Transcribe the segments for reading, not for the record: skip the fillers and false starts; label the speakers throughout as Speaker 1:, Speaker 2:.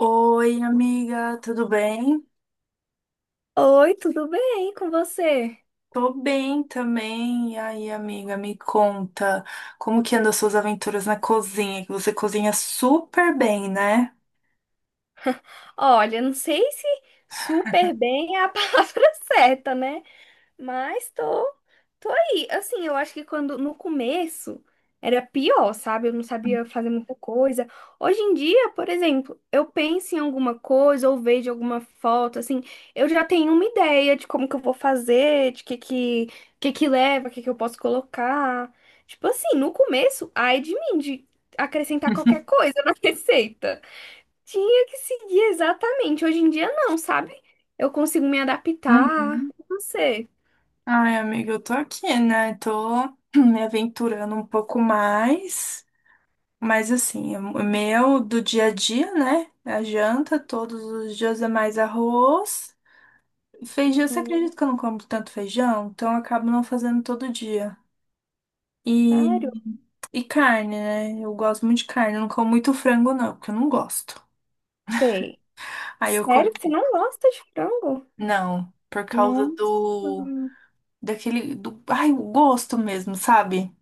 Speaker 1: Oi, amiga, tudo bem?
Speaker 2: Oi, tudo bem com você?
Speaker 1: Tô bem também. E aí, amiga, me conta, como que andam as suas aventuras na cozinha? Que você cozinha super bem, né?
Speaker 2: Olha, não sei se super bem é a palavra certa, né? Mas tô aí. Assim, eu acho que quando no começo era pior, sabe? Eu não sabia fazer muita coisa. Hoje em dia, por exemplo, eu penso em alguma coisa ou vejo alguma foto, assim, eu já tenho uma ideia de como que eu vou fazer, de que que leva, que eu posso colocar. Tipo assim, no começo, ai de mim, de acrescentar qualquer coisa na receita. Tinha que seguir exatamente. Hoje em dia não, sabe? Eu consigo me adaptar.
Speaker 1: Uhum.
Speaker 2: Não sei.
Speaker 1: Ai, amiga, eu tô aqui, né? Tô me aventurando um pouco mais, mas assim, o meu do dia a dia, né? A janta, todos os dias é mais arroz. Feijão, você acredita que eu não como tanto feijão? Então eu acabo não fazendo todo dia.
Speaker 2: Sério?
Speaker 1: e E carne, né? Eu gosto muito de carne. Eu não como muito frango, não, porque eu não gosto.
Speaker 2: Sei.
Speaker 1: Aí eu como.
Speaker 2: Sério que você não gosta de frango?
Speaker 1: Não, por causa
Speaker 2: Nossa,
Speaker 1: do. Daquele. Do... Ai, o gosto mesmo, sabe?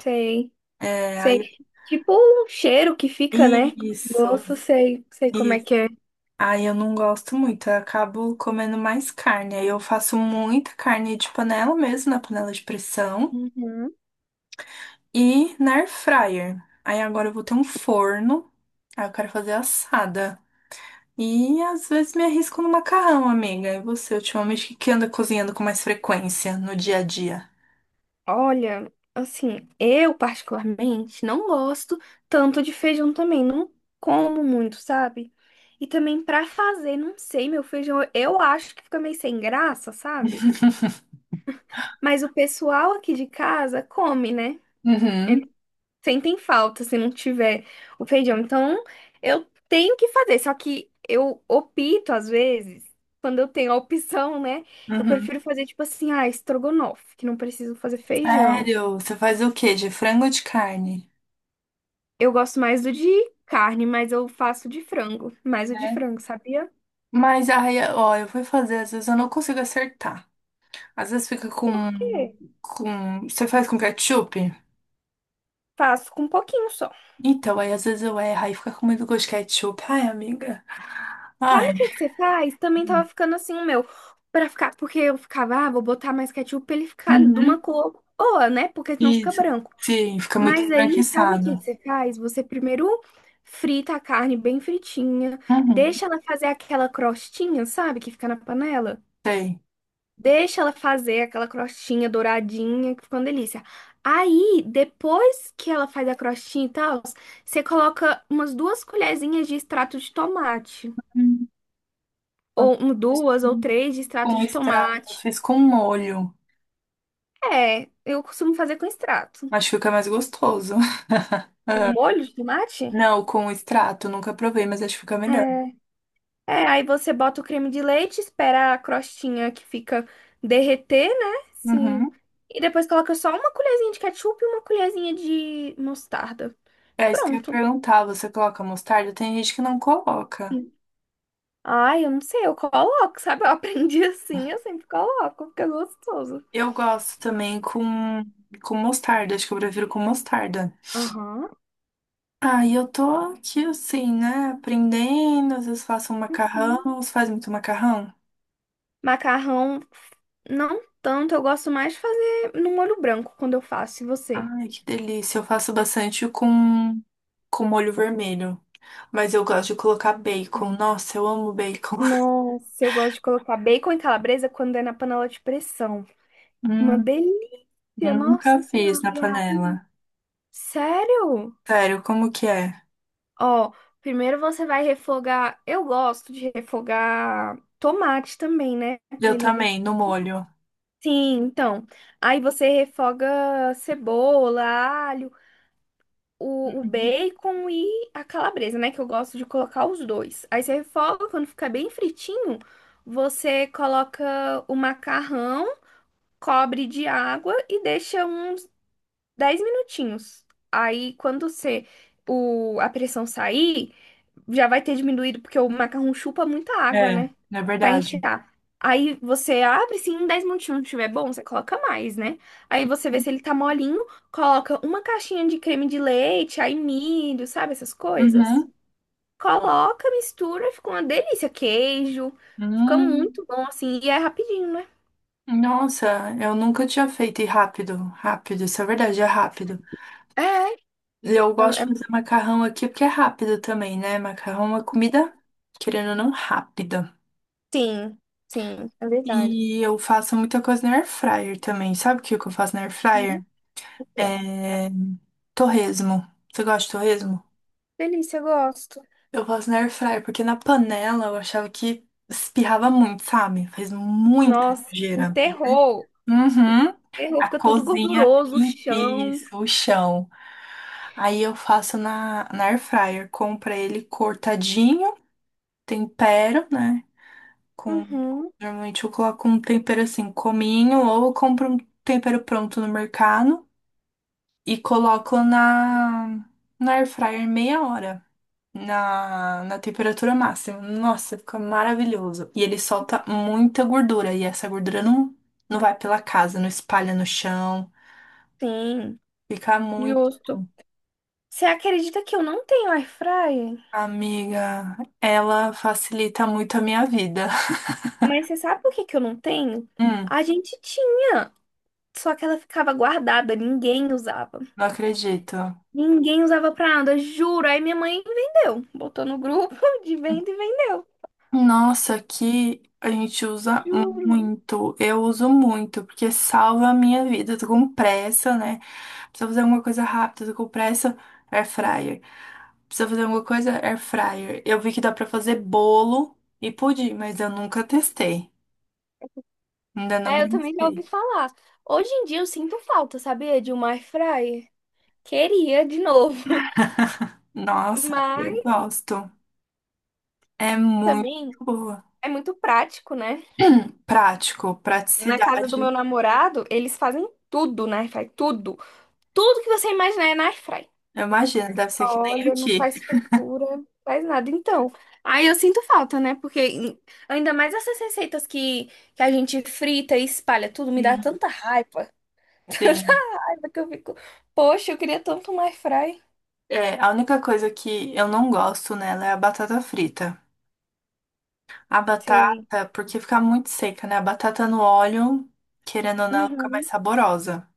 Speaker 2: sei.
Speaker 1: É, aí.
Speaker 2: Sei. Tipo o cheiro que fica, né?
Speaker 1: Isso,
Speaker 2: Gosto, sei, sei como é
Speaker 1: isso.
Speaker 2: que é.
Speaker 1: Aí eu não gosto muito. Eu acabo comendo mais carne. Aí eu faço muita carne de panela mesmo, na panela de pressão.
Speaker 2: Uhum.
Speaker 1: E na air fryer. Aí agora eu vou ter um forno. Aí eu quero fazer assada. E às vezes me arrisco no macarrão, amiga. E você, ultimamente, o que que anda cozinhando com mais frequência no dia a dia?
Speaker 2: Olha, assim, eu particularmente não gosto tanto de feijão também, não como muito, sabe? E também pra fazer, não sei, meu feijão, eu acho que fica meio sem graça, sabe? Mas o pessoal aqui de casa come, né?
Speaker 1: Uhum,
Speaker 2: Sentem falta se não tiver o feijão. Então, eu tenho que fazer, só que eu opto às vezes, quando eu tenho a opção, né? Eu
Speaker 1: uhum.
Speaker 2: prefiro fazer tipo assim, ah, estrogonofe, que não preciso fazer feijão.
Speaker 1: Sério? Você faz o quê? De frango ou de carne?
Speaker 2: Eu gosto mais do de carne, mas eu faço de frango, mais o de
Speaker 1: É.
Speaker 2: frango, sabia?
Speaker 1: Mas aí, ó, eu fui fazer, às vezes eu não consigo acertar. Às vezes fica com,
Speaker 2: Por quê?
Speaker 1: Você faz com ketchup?
Speaker 2: Faço com um pouquinho só.
Speaker 1: Então, aí às vezes eu erro, aí fica com muito gosto de ketchup. Ai, amiga.
Speaker 2: Sabe
Speaker 1: Ai.
Speaker 2: o que que você faz? Também tava ficando assim o meu, para ficar, porque eu ficava, ah, vou botar mais ketchup pra ele ficar de uma
Speaker 1: Uhum.
Speaker 2: cor boa, né? Porque senão fica
Speaker 1: Isso.
Speaker 2: branco.
Speaker 1: Sim, fica muito
Speaker 2: Mas aí, sabe o que que
Speaker 1: esbranquiçado.
Speaker 2: você faz? Você primeiro frita a carne bem fritinha,
Speaker 1: Uhum,
Speaker 2: deixa ela fazer aquela crostinha, sabe, que fica na panela.
Speaker 1: sei.
Speaker 2: Deixa ela fazer aquela crostinha douradinha, que fica uma delícia. Aí, depois que ela faz a crostinha e tal, você coloca umas duas colherzinhas de extrato de tomate.
Speaker 1: Eu não
Speaker 2: Ou um,
Speaker 1: Fiz
Speaker 2: duas ou
Speaker 1: com
Speaker 2: três de extrato
Speaker 1: com
Speaker 2: de
Speaker 1: extrato, eu
Speaker 2: tomate.
Speaker 1: fiz com molho,
Speaker 2: É, eu costumo fazer com extrato.
Speaker 1: mas fica mais gostoso. Ah,
Speaker 2: Um molho de tomate?
Speaker 1: não, com extrato, nunca provei, mas acho que fica
Speaker 2: É.
Speaker 1: melhor.
Speaker 2: É, aí você bota o creme de leite, espera a crostinha que fica derreter, né? Sim.
Speaker 1: Uhum.
Speaker 2: E depois coloca só uma colherzinha de ketchup e uma colherzinha de mostarda.
Speaker 1: É isso que eu ia
Speaker 2: Pronto.
Speaker 1: perguntar, você coloca mostarda? Tem gente que não coloca.
Speaker 2: Ai, eu não sei, eu coloco, sabe? Eu aprendi assim, eu sempre coloco, fica gostoso.
Speaker 1: Eu gosto também com mostarda, acho que eu prefiro com mostarda.
Speaker 2: Aham.
Speaker 1: Ah, e eu tô aqui assim, né, aprendendo, às vezes faço um
Speaker 2: Hum.
Speaker 1: macarrão, você faz muito macarrão?
Speaker 2: Macarrão, não tanto, eu gosto mais de fazer no molho branco quando eu faço, e você?
Speaker 1: Ai, que delícia. Eu faço bastante com molho vermelho. Mas eu gosto de colocar bacon. Nossa, eu amo bacon.
Speaker 2: Nossa, eu gosto de colocar bacon e calabresa quando é na panela de pressão. Uma
Speaker 1: Hum,
Speaker 2: delícia. Tia,
Speaker 1: nunca
Speaker 2: nossa
Speaker 1: fiz
Speaker 2: senhora,
Speaker 1: na
Speaker 2: e é rapidinho.
Speaker 1: panela.
Speaker 2: Sério?
Speaker 1: Sério, como que é?
Speaker 2: Ó, primeiro você vai refogar. Eu gosto de refogar tomate também, né? Pra
Speaker 1: Eu
Speaker 2: ele.
Speaker 1: também, no molho.
Speaker 2: Sim, então. Aí você refoga cebola, alho, o
Speaker 1: Uhum.
Speaker 2: bacon e a calabresa, né? Que eu gosto de colocar os dois. Aí você refoga, quando ficar bem fritinho, você coloca o macarrão, cobre de água e deixa uns 10 minutinhos. Aí, quando você, o, a pressão sair, já vai ter diminuído, porque o macarrão chupa muita água,
Speaker 1: É,
Speaker 2: né?
Speaker 1: é
Speaker 2: Pra
Speaker 1: verdade.
Speaker 2: enxergar. Aí você abre, se em 10 minutinhos não estiver bom, você coloca mais, né? Aí você vê se ele tá molinho, coloca uma caixinha de creme de leite, aí milho, sabe essas coisas?
Speaker 1: Uhum.
Speaker 2: Coloca, mistura, fica uma delícia. Queijo, fica
Speaker 1: Hum,
Speaker 2: muito bom assim, e é rapidinho, né?
Speaker 1: nossa, eu nunca tinha feito e rápido, rápido, isso é verdade, é rápido.
Speaker 2: É, é,
Speaker 1: Eu gosto de
Speaker 2: é-
Speaker 1: fazer macarrão aqui porque é rápido também, né? Macarrão é uma comida, querendo ou não, rápida.
Speaker 2: Sim, sim, é verdade.
Speaker 1: E eu faço muita coisa na air fryer também. Sabe o que que eu faço na air
Speaker 2: Uhum.
Speaker 1: fryer?
Speaker 2: O quê?
Speaker 1: É torresmo. Você gosta de torresmo?
Speaker 2: Delícia, eu gosto.
Speaker 1: Eu faço na air fryer porque na panela eu achava que espirrava muito, sabe? Faz muita
Speaker 2: Nossa, um
Speaker 1: sujeira.
Speaker 2: terror.
Speaker 1: Uhum.
Speaker 2: Terror,
Speaker 1: A
Speaker 2: fica tudo
Speaker 1: cozinha
Speaker 2: gorduroso, o
Speaker 1: em si,
Speaker 2: chão.
Speaker 1: isso, o chão. Aí eu faço na air fryer, compro ele cortadinho, tempero, né? Com,
Speaker 2: Uhum,
Speaker 1: normalmente eu coloco um tempero assim, cominho, ou eu compro um tempero pronto no mercado e coloco na air fryer meia hora, na temperatura máxima. Nossa, fica maravilhoso. E ele solta muita gordura, e essa gordura não vai pela casa, não espalha no chão.
Speaker 2: sim,
Speaker 1: Fica muito
Speaker 2: justo.
Speaker 1: bom.
Speaker 2: Você acredita que eu não tenho air fryer?
Speaker 1: Amiga, ela facilita muito a minha vida.
Speaker 2: Mas você sabe por que que eu não tenho?
Speaker 1: Hum,
Speaker 2: A gente tinha, só que ela ficava guardada, ninguém usava.
Speaker 1: não acredito.
Speaker 2: Ninguém usava pra nada, juro. Aí minha mãe vendeu, botou no grupo de venda e vendeu,
Speaker 1: Nossa, aqui a gente usa
Speaker 2: juro.
Speaker 1: muito. Eu uso muito, porque salva a minha vida. Eu tô com pressa, né? Precisa fazer alguma coisa rápida, eu tô com pressa, air fryer. Precisa fazer alguma coisa, air fryer. Eu vi que dá pra fazer bolo e pudim, mas eu nunca testei. Ainda não me
Speaker 2: É, eu também já ouvi
Speaker 1: arrisquei.
Speaker 2: falar. Hoje em dia eu sinto falta, sabia, de uma air fryer. Queria de novo.
Speaker 1: Nossa, eu
Speaker 2: Mas
Speaker 1: gosto. É muito
Speaker 2: também
Speaker 1: boa.
Speaker 2: é muito prático, né?
Speaker 1: Prático,
Speaker 2: Na casa do meu
Speaker 1: praticidade.
Speaker 2: namorado, eles fazem tudo na airfry, tudo. Tudo que você imaginar é na airfry.
Speaker 1: Eu imagino, deve ser que nem
Speaker 2: Olha, não
Speaker 1: aqui.
Speaker 2: faz fritura, não faz nada. Então, aí eu sinto falta, né? Ainda mais essas receitas que a gente frita e espalha tudo, me dá
Speaker 1: Sim,
Speaker 2: tanta raiva. Tanta
Speaker 1: sim.
Speaker 2: raiva que eu fico, poxa, eu queria tanto uma airfry.
Speaker 1: É, a única coisa que eu não gosto nela é a batata frita. A batata,
Speaker 2: Sei.
Speaker 1: porque fica muito seca, né? A batata no óleo, querendo ou não, ela fica mais
Speaker 2: Uhum.
Speaker 1: saborosa.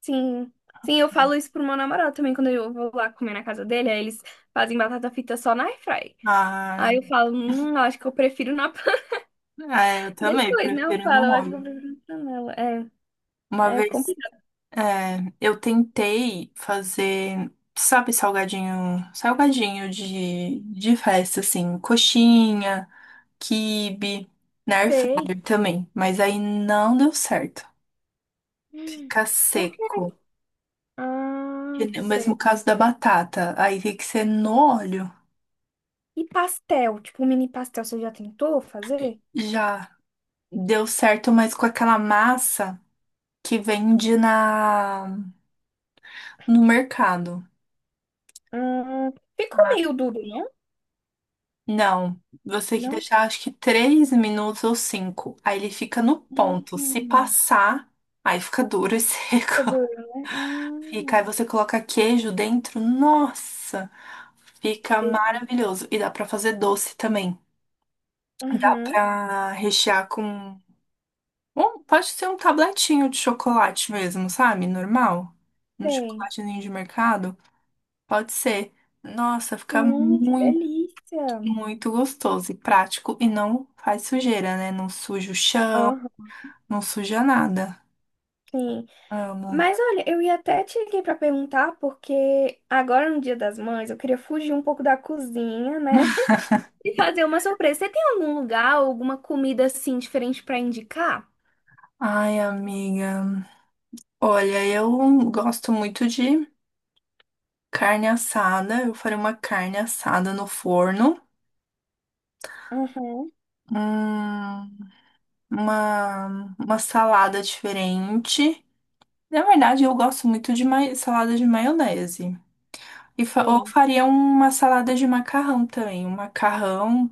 Speaker 2: Sim, sim, eu falo isso pro meu namorado também quando eu vou lá comer na casa dele, aí eles fazem batata frita só na airfry.
Speaker 1: Ah,
Speaker 2: Aí eu falo, eu acho que eu prefiro na panela.
Speaker 1: é, eu também
Speaker 2: Depois, né? Eu
Speaker 1: prefiro
Speaker 2: falo,
Speaker 1: no
Speaker 2: eu acho que eu
Speaker 1: óleo.
Speaker 2: prefiro na panela.
Speaker 1: Uma
Speaker 2: É, é
Speaker 1: vez,
Speaker 2: complicado.
Speaker 1: é, eu tentei fazer, sabe, salgadinho, salgadinho de festa, assim, coxinha, quibe, na air
Speaker 2: Sei.
Speaker 1: fryer também, mas aí não deu certo.
Speaker 2: Hum,
Speaker 1: Fica
Speaker 2: Por quê?
Speaker 1: seco. E
Speaker 2: Ah,
Speaker 1: o
Speaker 2: sei.
Speaker 1: mesmo caso da batata. Aí tem que ser no óleo.
Speaker 2: E pastel, tipo mini pastel, você já tentou fazer?
Speaker 1: Já deu certo, mas com aquela massa que vende na no mercado.
Speaker 2: Ficou
Speaker 1: Ah,
Speaker 2: meio duro, não?
Speaker 1: não, você tem que
Speaker 2: Não?
Speaker 1: deixar acho que 3 minutos ou cinco. Aí ele fica no ponto. Se
Speaker 2: Hum,
Speaker 1: passar, aí fica duro e
Speaker 2: fica
Speaker 1: seco.
Speaker 2: duro, né?
Speaker 1: Fica, aí você coloca queijo dentro. Nossa,
Speaker 2: Que
Speaker 1: fica
Speaker 2: delícia.
Speaker 1: maravilhoso. E dá pra fazer doce também. Dá
Speaker 2: Uhum,
Speaker 1: pra rechear com... Ou pode ser um tabletinho de chocolate mesmo, sabe? Normal. Um
Speaker 2: tem.
Speaker 1: chocolatezinho de mercado. Pode ser. Nossa, fica
Speaker 2: Que
Speaker 1: muito,
Speaker 2: delícia.
Speaker 1: muito gostoso e prático e não faz sujeira, né? Não suja o chão, não suja nada.
Speaker 2: Sim.
Speaker 1: Amo.
Speaker 2: Mas olha, eu ia até te ligar para perguntar, porque agora no Dia das Mães eu queria fugir um pouco da cozinha, né? E fazer uma surpresa. Você tem algum lugar, alguma comida assim diferente para indicar?
Speaker 1: Ai, amiga. Olha, eu gosto muito de carne assada. Eu farei uma carne assada no forno.
Speaker 2: Uhum,
Speaker 1: Hum, uma salada diferente. Na verdade, eu gosto muito de salada de maionese. E ou
Speaker 2: tem.
Speaker 1: faria uma salada de macarrão também. Um macarrão,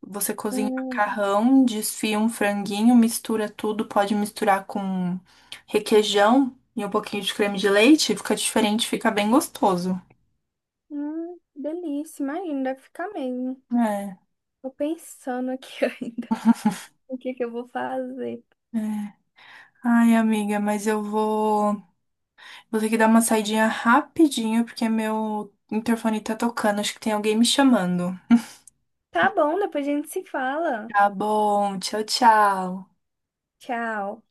Speaker 1: você cozinha o
Speaker 2: Hum,
Speaker 1: macarrão, desfia um franguinho, mistura tudo, pode misturar com requeijão e um pouquinho de creme de leite, fica diferente, fica bem gostoso.
Speaker 2: delícia, imagina, deve ficar mesmo.
Speaker 1: É.
Speaker 2: Tô pensando aqui ainda o que que eu vou fazer.
Speaker 1: É. Ai, amiga, mas eu vou. Vou ter que dar uma saidinha rapidinho, porque meu interfone tá tocando. Acho que tem alguém me chamando.
Speaker 2: Tá bom, depois a gente se fala.
Speaker 1: Tá bom, tchau, tchau.
Speaker 2: Tchau.